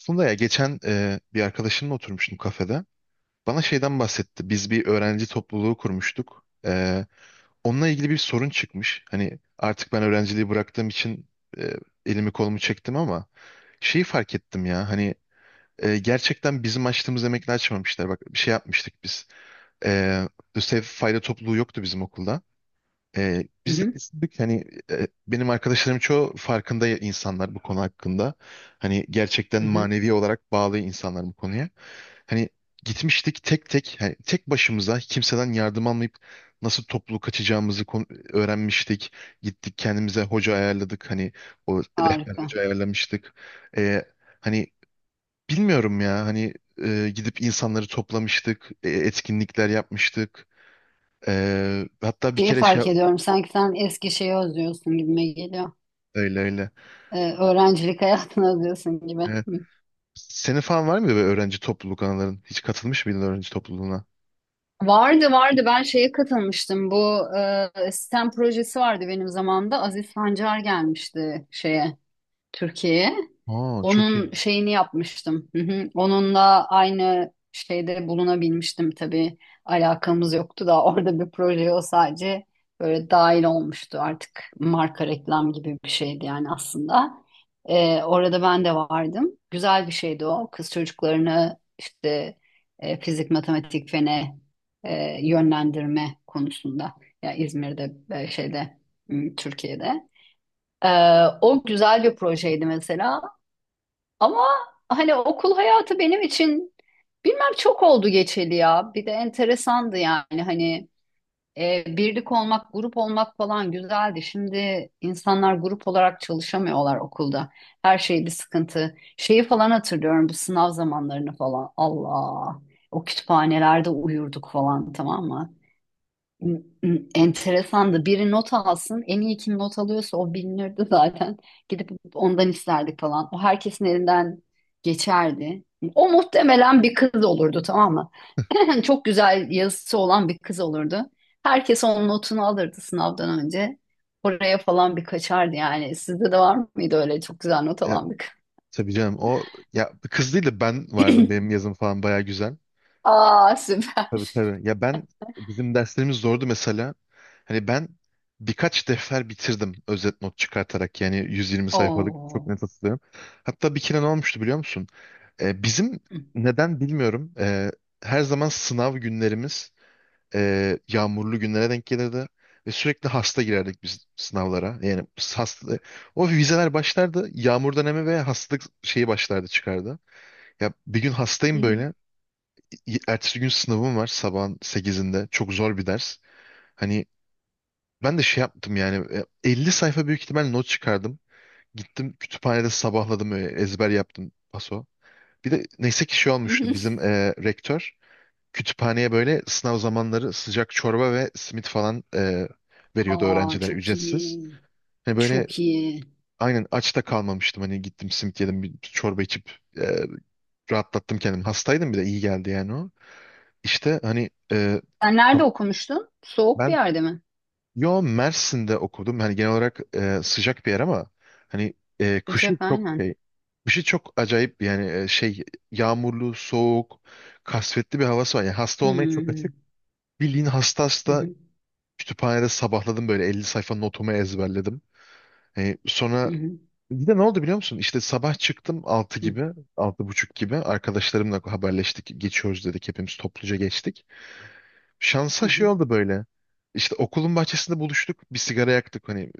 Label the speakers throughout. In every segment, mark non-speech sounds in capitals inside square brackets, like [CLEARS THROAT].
Speaker 1: Aslında ya geçen bir arkadaşımla oturmuştum kafede. Bana şeyden bahsetti. Biz bir öğrenci topluluğu kurmuştuk. Onunla ilgili bir sorun çıkmış. Hani artık ben öğrenciliği bıraktığım için e, elimi kolumu çektim ama şeyi fark ettim ya. Hani gerçekten bizim açtığımız emekle açmamışlar. Bak bir şey yapmıştık biz. E, Lösev fayda topluluğu yoktu bizim okulda.
Speaker 2: Hı
Speaker 1: Biz de
Speaker 2: hı,
Speaker 1: düşündük hani benim arkadaşlarım çoğu farkında. İnsanlar bu konu hakkında. Hani gerçekten
Speaker 2: hı hı.
Speaker 1: manevi olarak bağlı insanlar bu konuya. Hani gitmiştik tek tek hani tek başımıza kimseden yardım almayıp nasıl toplu kaçacağımızı öğrenmiştik. Gittik kendimize hoca ayarladık hani o rehber
Speaker 2: Harika.
Speaker 1: hoca ayarlamıştık. Ee, Hani bilmiyorum ya hani gidip insanları toplamıştık, etkinlikler yapmıştık. Hatta bir
Speaker 2: Şeyi
Speaker 1: kere şey
Speaker 2: fark ediyorum. Sanki sen eski şeyi özlüyorsun gibime geliyor.
Speaker 1: öyle öyle.
Speaker 2: Öğrencilik [LAUGHS] hayatını özlüyorsun gibi.
Speaker 1: Evet.
Speaker 2: Hı.
Speaker 1: Senin falan var mıydı böyle öğrenci topluluk anıların? Hiç katılmış mıydın öğrenci topluluğuna?
Speaker 2: Vardı vardı. Ben şeye katılmıştım. Bu sistem projesi vardı benim zamanımda. Aziz Sancar gelmişti şeye. Türkiye'ye.
Speaker 1: Aa çok
Speaker 2: Onun
Speaker 1: iyi.
Speaker 2: şeyini yapmıştım. Hı hı. Onunla aynı şeyde bulunabilmiştim tabii. Alakamız yoktu da orada bir proje o sadece böyle dahil olmuştu artık marka reklam gibi bir şeydi yani aslında. Orada ben de vardım. Güzel bir şeydi o. Kız çocuklarını işte fizik, matematik, fene yönlendirme konusunda. Ya İzmir'de şeyde Türkiye'de. Ee, O güzel bir projeydi mesela. Ama hani okul hayatı benim için bilmem çok oldu geçeli ya. Bir de enteresandı yani hani birlik olmak, grup olmak falan güzeldi. Şimdi insanlar grup olarak çalışamıyorlar okulda. Her şey bir sıkıntı. Şeyi falan hatırlıyorum bu sınav zamanlarını falan. Allah. O kütüphanelerde uyurduk falan tamam mı? [CLEARS THROAT] Enteresandı. Biri not alsın. En iyi kim not alıyorsa o bilinirdi zaten. Gidip ondan isterdik falan. O herkesin elinden geçerdi. O muhtemelen bir kız olurdu tamam mı? [CLEARS THROAT] Çok güzel yazısı olan bir kız olurdu. Herkes onun notunu alırdı sınavdan önce. Oraya falan bir kaçardı yani. Sizde de var mıydı öyle çok güzel not
Speaker 1: E,
Speaker 2: alan bir kız?
Speaker 1: tabii canım o ya kız değil de ben vardım.
Speaker 2: [CLEARS THROAT]
Speaker 1: Benim yazım falan baya güzel.
Speaker 2: Aa süper.
Speaker 1: Tabii tabii. Ya ben bizim derslerimiz zordu mesela. Hani ben birkaç defter bitirdim özet not çıkartarak yani 120 sayfalık çok
Speaker 2: Oo.
Speaker 1: net hatırlıyorum. Hatta bir kere ne olmuştu biliyor musun? Bizim neden bilmiyorum. Her zaman sınav günlerimiz yağmurlu günlere denk gelirdi. Ve sürekli hasta girerdik biz sınavlara. Yani hasta, o vizeler başlardı. Yağmur dönemi ve hastalık şeyi başlardı çıkardı. Ya bir gün hastayım böyle.
Speaker 2: [LAUGHS]
Speaker 1: Ertesi gün sınavım var sabahın 8'inde. Çok zor bir ders. Hani ben de şey yaptım yani 50 sayfa büyük ihtimal not çıkardım. Gittim kütüphanede sabahladım ezber yaptım paso. Bir de neyse ki şey olmuştu bizim rektör kütüphaneye böyle sınav zamanları sıcak çorba ve simit falan veriyordu
Speaker 2: Aa
Speaker 1: öğrencilere
Speaker 2: çok
Speaker 1: ücretsiz.
Speaker 2: iyi.
Speaker 1: Hani böyle
Speaker 2: Çok iyi.
Speaker 1: aynen aç da kalmamıştım. Hani gittim simit yedim bir çorba içip rahatlattım kendimi. Hastaydım bir de iyi geldi yani o. İşte hani
Speaker 2: Sen nerede okumuştun? Soğuk bir
Speaker 1: ben
Speaker 2: yerde mi?
Speaker 1: yo Mersin'de okudum. Hani genel olarak sıcak bir yer ama hani
Speaker 2: Sıcak
Speaker 1: kışı çok
Speaker 2: aynen.
Speaker 1: şey, kışı çok acayip yani şey yağmurlu, soğuk, kasvetli bir havası var. Yani hasta olmaya çok
Speaker 2: Hmm.
Speaker 1: açık. Bildiğin hasta
Speaker 2: Hı
Speaker 1: hasta.
Speaker 2: hı,
Speaker 1: Kütüphanede sabahladım böyle 50 sayfa notumu ezberledim.
Speaker 2: hı
Speaker 1: Sonra
Speaker 2: hı,
Speaker 1: bir de ne oldu biliyor musun? İşte sabah çıktım 6
Speaker 2: hı hı,
Speaker 1: gibi, 6:30 gibi arkadaşlarımla haberleştik. Geçiyoruz dedik hepimiz topluca geçtik.
Speaker 2: hı
Speaker 1: Şansa şey
Speaker 2: hı,
Speaker 1: oldu böyle. İşte okulun bahçesinde buluştuk. Bir sigara yaktık hani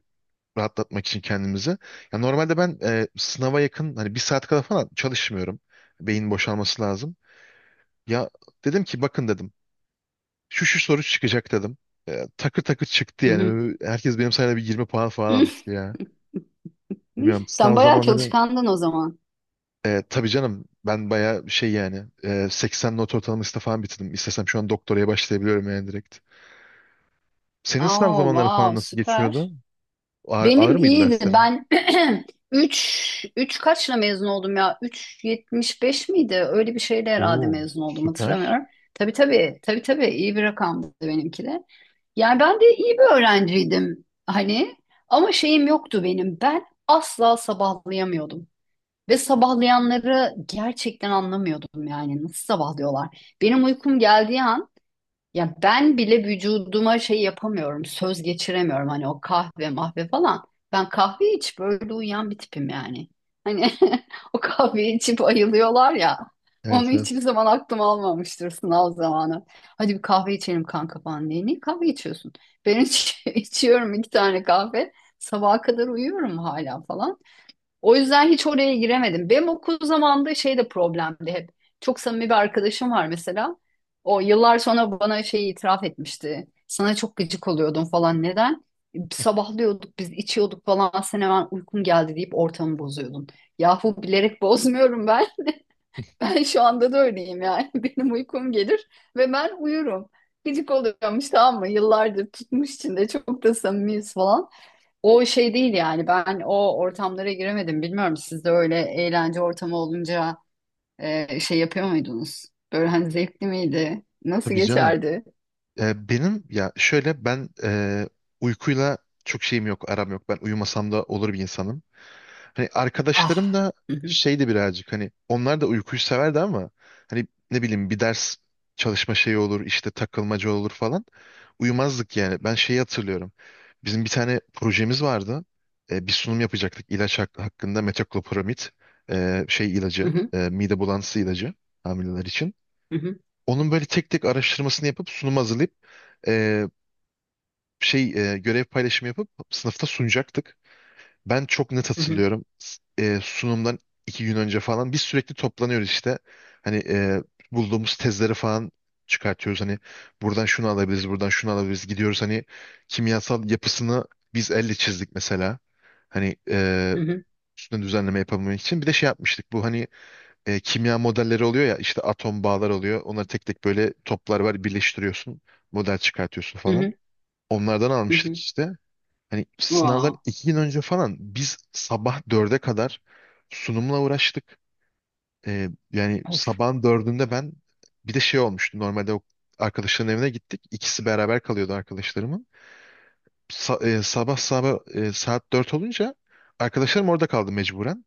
Speaker 1: rahatlatmak için kendimizi. Ya normalde ben sınava yakın hani bir saat kadar falan çalışmıyorum. Beyin boşalması lazım. Ya dedim ki bakın dedim. Şu şu soru çıkacak dedim. Takır takır çıktı
Speaker 2: hı hı.
Speaker 1: yani. Herkes benim sayemde bir 20 puan falan almıştı ya. Bilmiyorum
Speaker 2: [LAUGHS] Sen
Speaker 1: sınav
Speaker 2: bayağı
Speaker 1: zamanları
Speaker 2: çalışkandın o zaman.
Speaker 1: tabii canım ben bayağı şey yani 80 not ortalamasıyla falan bitirdim. İstesem şu an doktoraya başlayabiliyorum yani direkt. Senin sınav
Speaker 2: Oh,
Speaker 1: zamanları falan
Speaker 2: wow,
Speaker 1: nasıl
Speaker 2: süper.
Speaker 1: geçmiyordu? Ağır, ağır
Speaker 2: Benim
Speaker 1: mıydı
Speaker 2: iyiydi.
Speaker 1: derslerin?
Speaker 2: Ben [CLEARS THROAT] 3 3 kaçla mezun oldum ya? 3,75 miydi? Öyle bir şeyle herhalde
Speaker 1: Oo
Speaker 2: mezun oldum
Speaker 1: süper.
Speaker 2: hatırlamıyorum. Tabii tabii. Tabii tabii iyi bir rakamdı benimki de. Yani ben de iyi bir öğrenciydim hani ama şeyim yoktu benim. Ben asla sabahlayamıyordum. Ve sabahlayanları gerçekten anlamıyordum yani nasıl sabahlıyorlar. Benim uykum geldiği an ya ben bile vücuduma şey yapamıyorum, söz geçiremiyorum hani o kahve mahve falan. Ben kahve içip öyle uyuyan bir tipim yani. Hani [LAUGHS] o kahveyi içip ayılıyorlar ya.
Speaker 1: Evet
Speaker 2: Onu
Speaker 1: evet.
Speaker 2: hiçbir zaman aklım almamıştır sınav zamanı. Hadi bir kahve içelim kanka falan diye. Niye kahve içiyorsun? Ben [LAUGHS] içiyorum iki tane kahve. Sabaha kadar uyuyorum hala falan. O yüzden hiç oraya giremedim. Benim okul zamanında şey de problemdi hep. Çok samimi bir arkadaşım var mesela. O yıllar sonra bana şeyi itiraf etmişti. Sana çok gıcık oluyordum falan. Neden? Sabahlıyorduk biz içiyorduk falan. Sen hemen uykum geldi deyip ortamı bozuyordun. Yahu bilerek bozmuyorum ben. [LAUGHS] Ben şu anda da öyleyim yani. [LAUGHS] Benim uykum gelir ve ben uyurum. Gıcık oluyormuş tamam mı? Yıllardır tutmuş içinde çok da samimiyiz falan. O şey değil yani ben o ortamlara giremedim. Bilmiyorum siz de öyle eğlence ortamı olunca şey yapıyor muydunuz? Böyle hani zevkli miydi? Nasıl
Speaker 1: Tabii canım.
Speaker 2: geçerdi?
Speaker 1: Benim ya şöyle ben uykuyla çok şeyim yok aram yok. Ben uyumasam da olur bir insanım. Hani
Speaker 2: Ah.
Speaker 1: arkadaşlarım da
Speaker 2: Hı hı,
Speaker 1: şeydi birazcık hani onlar da uykuyu severdi ama hani ne bileyim bir ders çalışma şeyi olur işte takılmaca olur falan. Uyumazdık yani. Ben şeyi hatırlıyorum. Bizim bir tane projemiz vardı. Bir sunum yapacaktık ilaç hakkında metoclopramid şey
Speaker 2: hı
Speaker 1: ilacı
Speaker 2: hı,
Speaker 1: mide bulantısı ilacı hamileler için.
Speaker 2: hı hı,
Speaker 1: Onun böyle tek tek araştırmasını yapıp sunum hazırlayıp e, şey görev paylaşımı yapıp sınıfta sunacaktık. Ben çok net
Speaker 2: hı hı,
Speaker 1: hatırlıyorum. Sunumdan 2 gün önce falan biz sürekli toplanıyoruz işte. Hani bulduğumuz tezleri falan çıkartıyoruz. Hani buradan şunu alabiliriz, buradan şunu alabiliriz. Gidiyoruz hani kimyasal yapısını biz elle çizdik mesela. Hani
Speaker 2: hı hı,
Speaker 1: üstüne düzenleme yapabilmek için. Bir de şey yapmıştık. Bu hani kimya modelleri oluyor ya işte atom bağlar oluyor. Onları tek tek böyle toplar var birleştiriyorsun. Model çıkartıyorsun
Speaker 2: hı
Speaker 1: falan.
Speaker 2: hı,
Speaker 1: Onlardan
Speaker 2: hı
Speaker 1: almıştık
Speaker 2: hı.
Speaker 1: işte. Hani sınavdan
Speaker 2: Wow.
Speaker 1: 2 gün önce falan biz sabah 4'e kadar sunumla uğraştık. Yani
Speaker 2: Of.
Speaker 1: sabahın 4'ünde ben bir de şey olmuştu. Normalde o arkadaşların evine gittik. İkisi beraber kalıyordu arkadaşlarımın. Sabah sabah saat 4 olunca arkadaşlarım orada kaldı mecburen.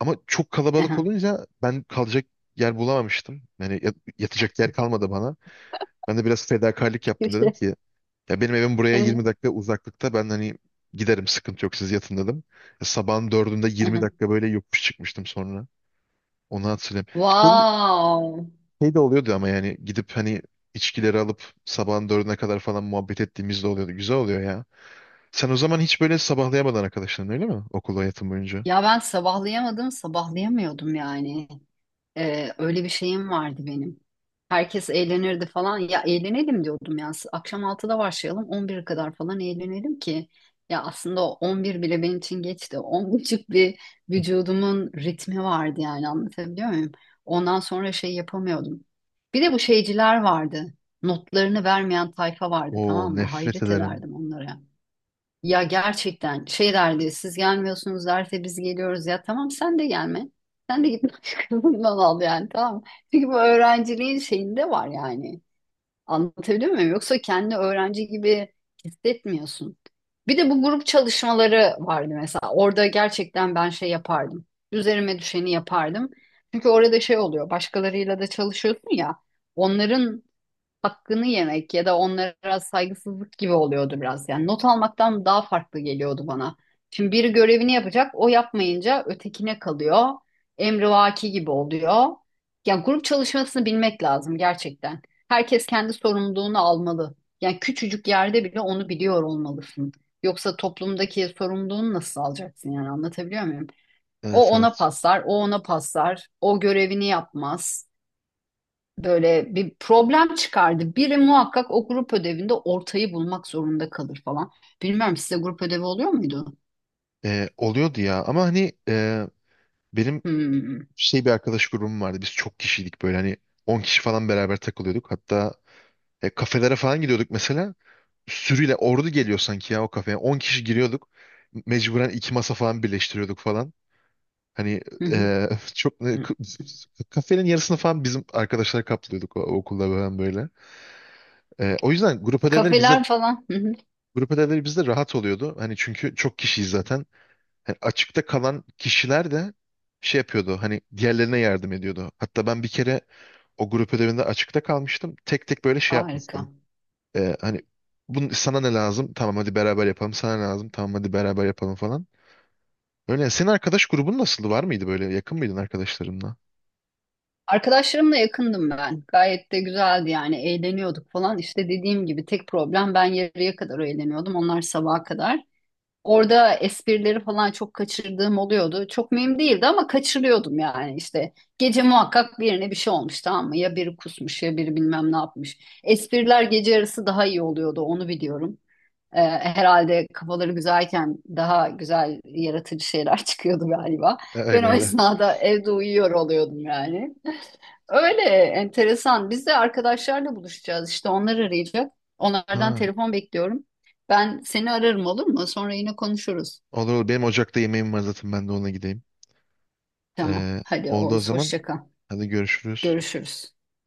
Speaker 1: Ama çok kalabalık
Speaker 2: Aha.
Speaker 1: olunca ben kalacak yer bulamamıştım. Yani yatacak yer kalmadı bana. Ben de biraz fedakarlık yaptım dedim
Speaker 2: İşte.
Speaker 1: ki ya benim evim buraya
Speaker 2: Aha,
Speaker 1: 20 dakika uzaklıkta. Ben hani giderim sıkıntı yok siz yatın dedim. Ya sabahın 4'ünde 20
Speaker 2: aha.
Speaker 1: dakika böyle yokuş çıkmıştım sonra. Onu hatırlıyorum. Şey,
Speaker 2: Wow.
Speaker 1: Şey de oluyordu ama yani gidip hani içkileri alıp sabahın 4'üne kadar falan muhabbet ettiğimiz de oluyordu. Güzel oluyor ya. Sen o zaman hiç böyle sabahlayamadın arkadaşların öyle mi? Okul hayatın boyunca.
Speaker 2: Ya ben sabahlayamadım, sabahlayamıyordum yani. Öyle bir şeyim vardı benim. Herkes eğlenirdi falan. Ya eğlenelim diyordum ya. Akşam 6'da başlayalım 11'e kadar falan eğlenelim ki. Ya aslında o 11 bile benim için geçti. 10.30 bir vücudumun ritmi vardı yani anlatabiliyor muyum? Ondan sonra şey yapamıyordum. Bir de bu şeyciler vardı. Notlarını vermeyen tayfa vardı
Speaker 1: Oo
Speaker 2: tamam mı?
Speaker 1: nefret
Speaker 2: Hayret
Speaker 1: ederim.
Speaker 2: ederdim onlara. Ya gerçekten şey derdi siz gelmiyorsunuz derse biz geliyoruz ya tamam sen de gelme. Sen de git [LAUGHS] başkasından al yani tamam mı? Çünkü bu öğrenciliğin şeyinde var yani. Anlatabiliyor muyum? Yoksa kendi öğrenci gibi hissetmiyorsun. Bir de bu grup çalışmaları vardı mesela. Orada gerçekten ben şey yapardım. Üzerime düşeni yapardım. Çünkü orada şey oluyor. Başkalarıyla da çalışıyorsun ya. Onların hakkını yemek ya da onlara saygısızlık gibi oluyordu biraz. Yani not almaktan daha farklı geliyordu bana. Şimdi biri görevini yapacak, o yapmayınca ötekine kalıyor. Emrivaki gibi oluyor. Yani grup çalışmasını bilmek lazım gerçekten. Herkes kendi sorumluluğunu almalı. Yani küçücük yerde bile onu biliyor olmalısın. Yoksa toplumdaki sorumluluğunu nasıl alacaksın yani anlatabiliyor muyum? O
Speaker 1: Evet
Speaker 2: ona
Speaker 1: evet.
Speaker 2: paslar, o ona paslar, o görevini yapmaz böyle bir problem çıkardı. Biri muhakkak o grup ödevinde ortayı bulmak zorunda kalır falan. Bilmiyorum size grup ödevi oluyor muydu?
Speaker 1: Oluyordu ya ama hani benim
Speaker 2: Hmm.
Speaker 1: şey bir arkadaş grubum vardı. Biz çok kişiydik böyle hani 10 kişi falan beraber takılıyorduk. Hatta kafelere falan gidiyorduk mesela. Sürüyle ordu geliyor sanki ya o kafeye. 10 kişi giriyorduk. Mecburen iki masa falan birleştiriyorduk falan. Hani
Speaker 2: [LAUGHS] Hı hı.
Speaker 1: e, [LAUGHS] çok
Speaker 2: Hı.
Speaker 1: kafenin yarısını falan bizim arkadaşlar kaplıyorduk o, okulda falan böyle. O yüzden
Speaker 2: Kafeler falan. [LAUGHS] Hı hı.
Speaker 1: grup ödevleri bizde rahat oluyordu. Hani çünkü çok kişiyiz zaten. Yani açıkta kalan kişiler de şey yapıyordu. Hani diğerlerine yardım ediyordu. Hatta ben bir kere o grup ödevinde açıkta kalmıştım. Tek tek böyle şey
Speaker 2: Harika.
Speaker 1: yapmıştım. Hani bunun sana ne lazım? Tamam hadi beraber yapalım. Sana ne lazım? Tamam hadi beraber yapalım falan. Öyle. Senin arkadaş grubun nasıldı? Var mıydı böyle? Yakın mıydın arkadaşlarınla?
Speaker 2: Arkadaşlarımla yakındım ben. Gayet de güzeldi yani eğleniyorduk falan. İşte dediğim gibi tek problem ben yarıya kadar eğleniyordum. Onlar sabaha kadar. Orada esprileri falan çok kaçırdığım oluyordu. Çok mühim değildi ama kaçırıyordum yani işte. Gece muhakkak birine bir şey olmuş tamam mı? Ya biri kusmuş ya biri bilmem ne yapmış. Espriler gece arası daha iyi oluyordu onu biliyorum. Herhalde kafaları güzelken daha güzel yaratıcı şeyler [LAUGHS] çıkıyordu galiba. Ben
Speaker 1: Öyle
Speaker 2: o
Speaker 1: öyle.
Speaker 2: esnada evde uyuyor oluyordum yani. Öyle enteresan. Biz de arkadaşlarla buluşacağız işte onlar arayacak. Onlardan
Speaker 1: Ha,
Speaker 2: telefon bekliyorum. Ben seni ararım olur mu? Sonra yine konuşuruz.
Speaker 1: olur olur. Benim ocakta yemeğim var zaten. Ben de ona gideyim.
Speaker 2: Tamam.
Speaker 1: Ee,
Speaker 2: Hadi
Speaker 1: Oldu o
Speaker 2: Oğuz,
Speaker 1: zaman.
Speaker 2: hoşça kal.
Speaker 1: Hadi görüşürüz.
Speaker 2: Görüşürüz.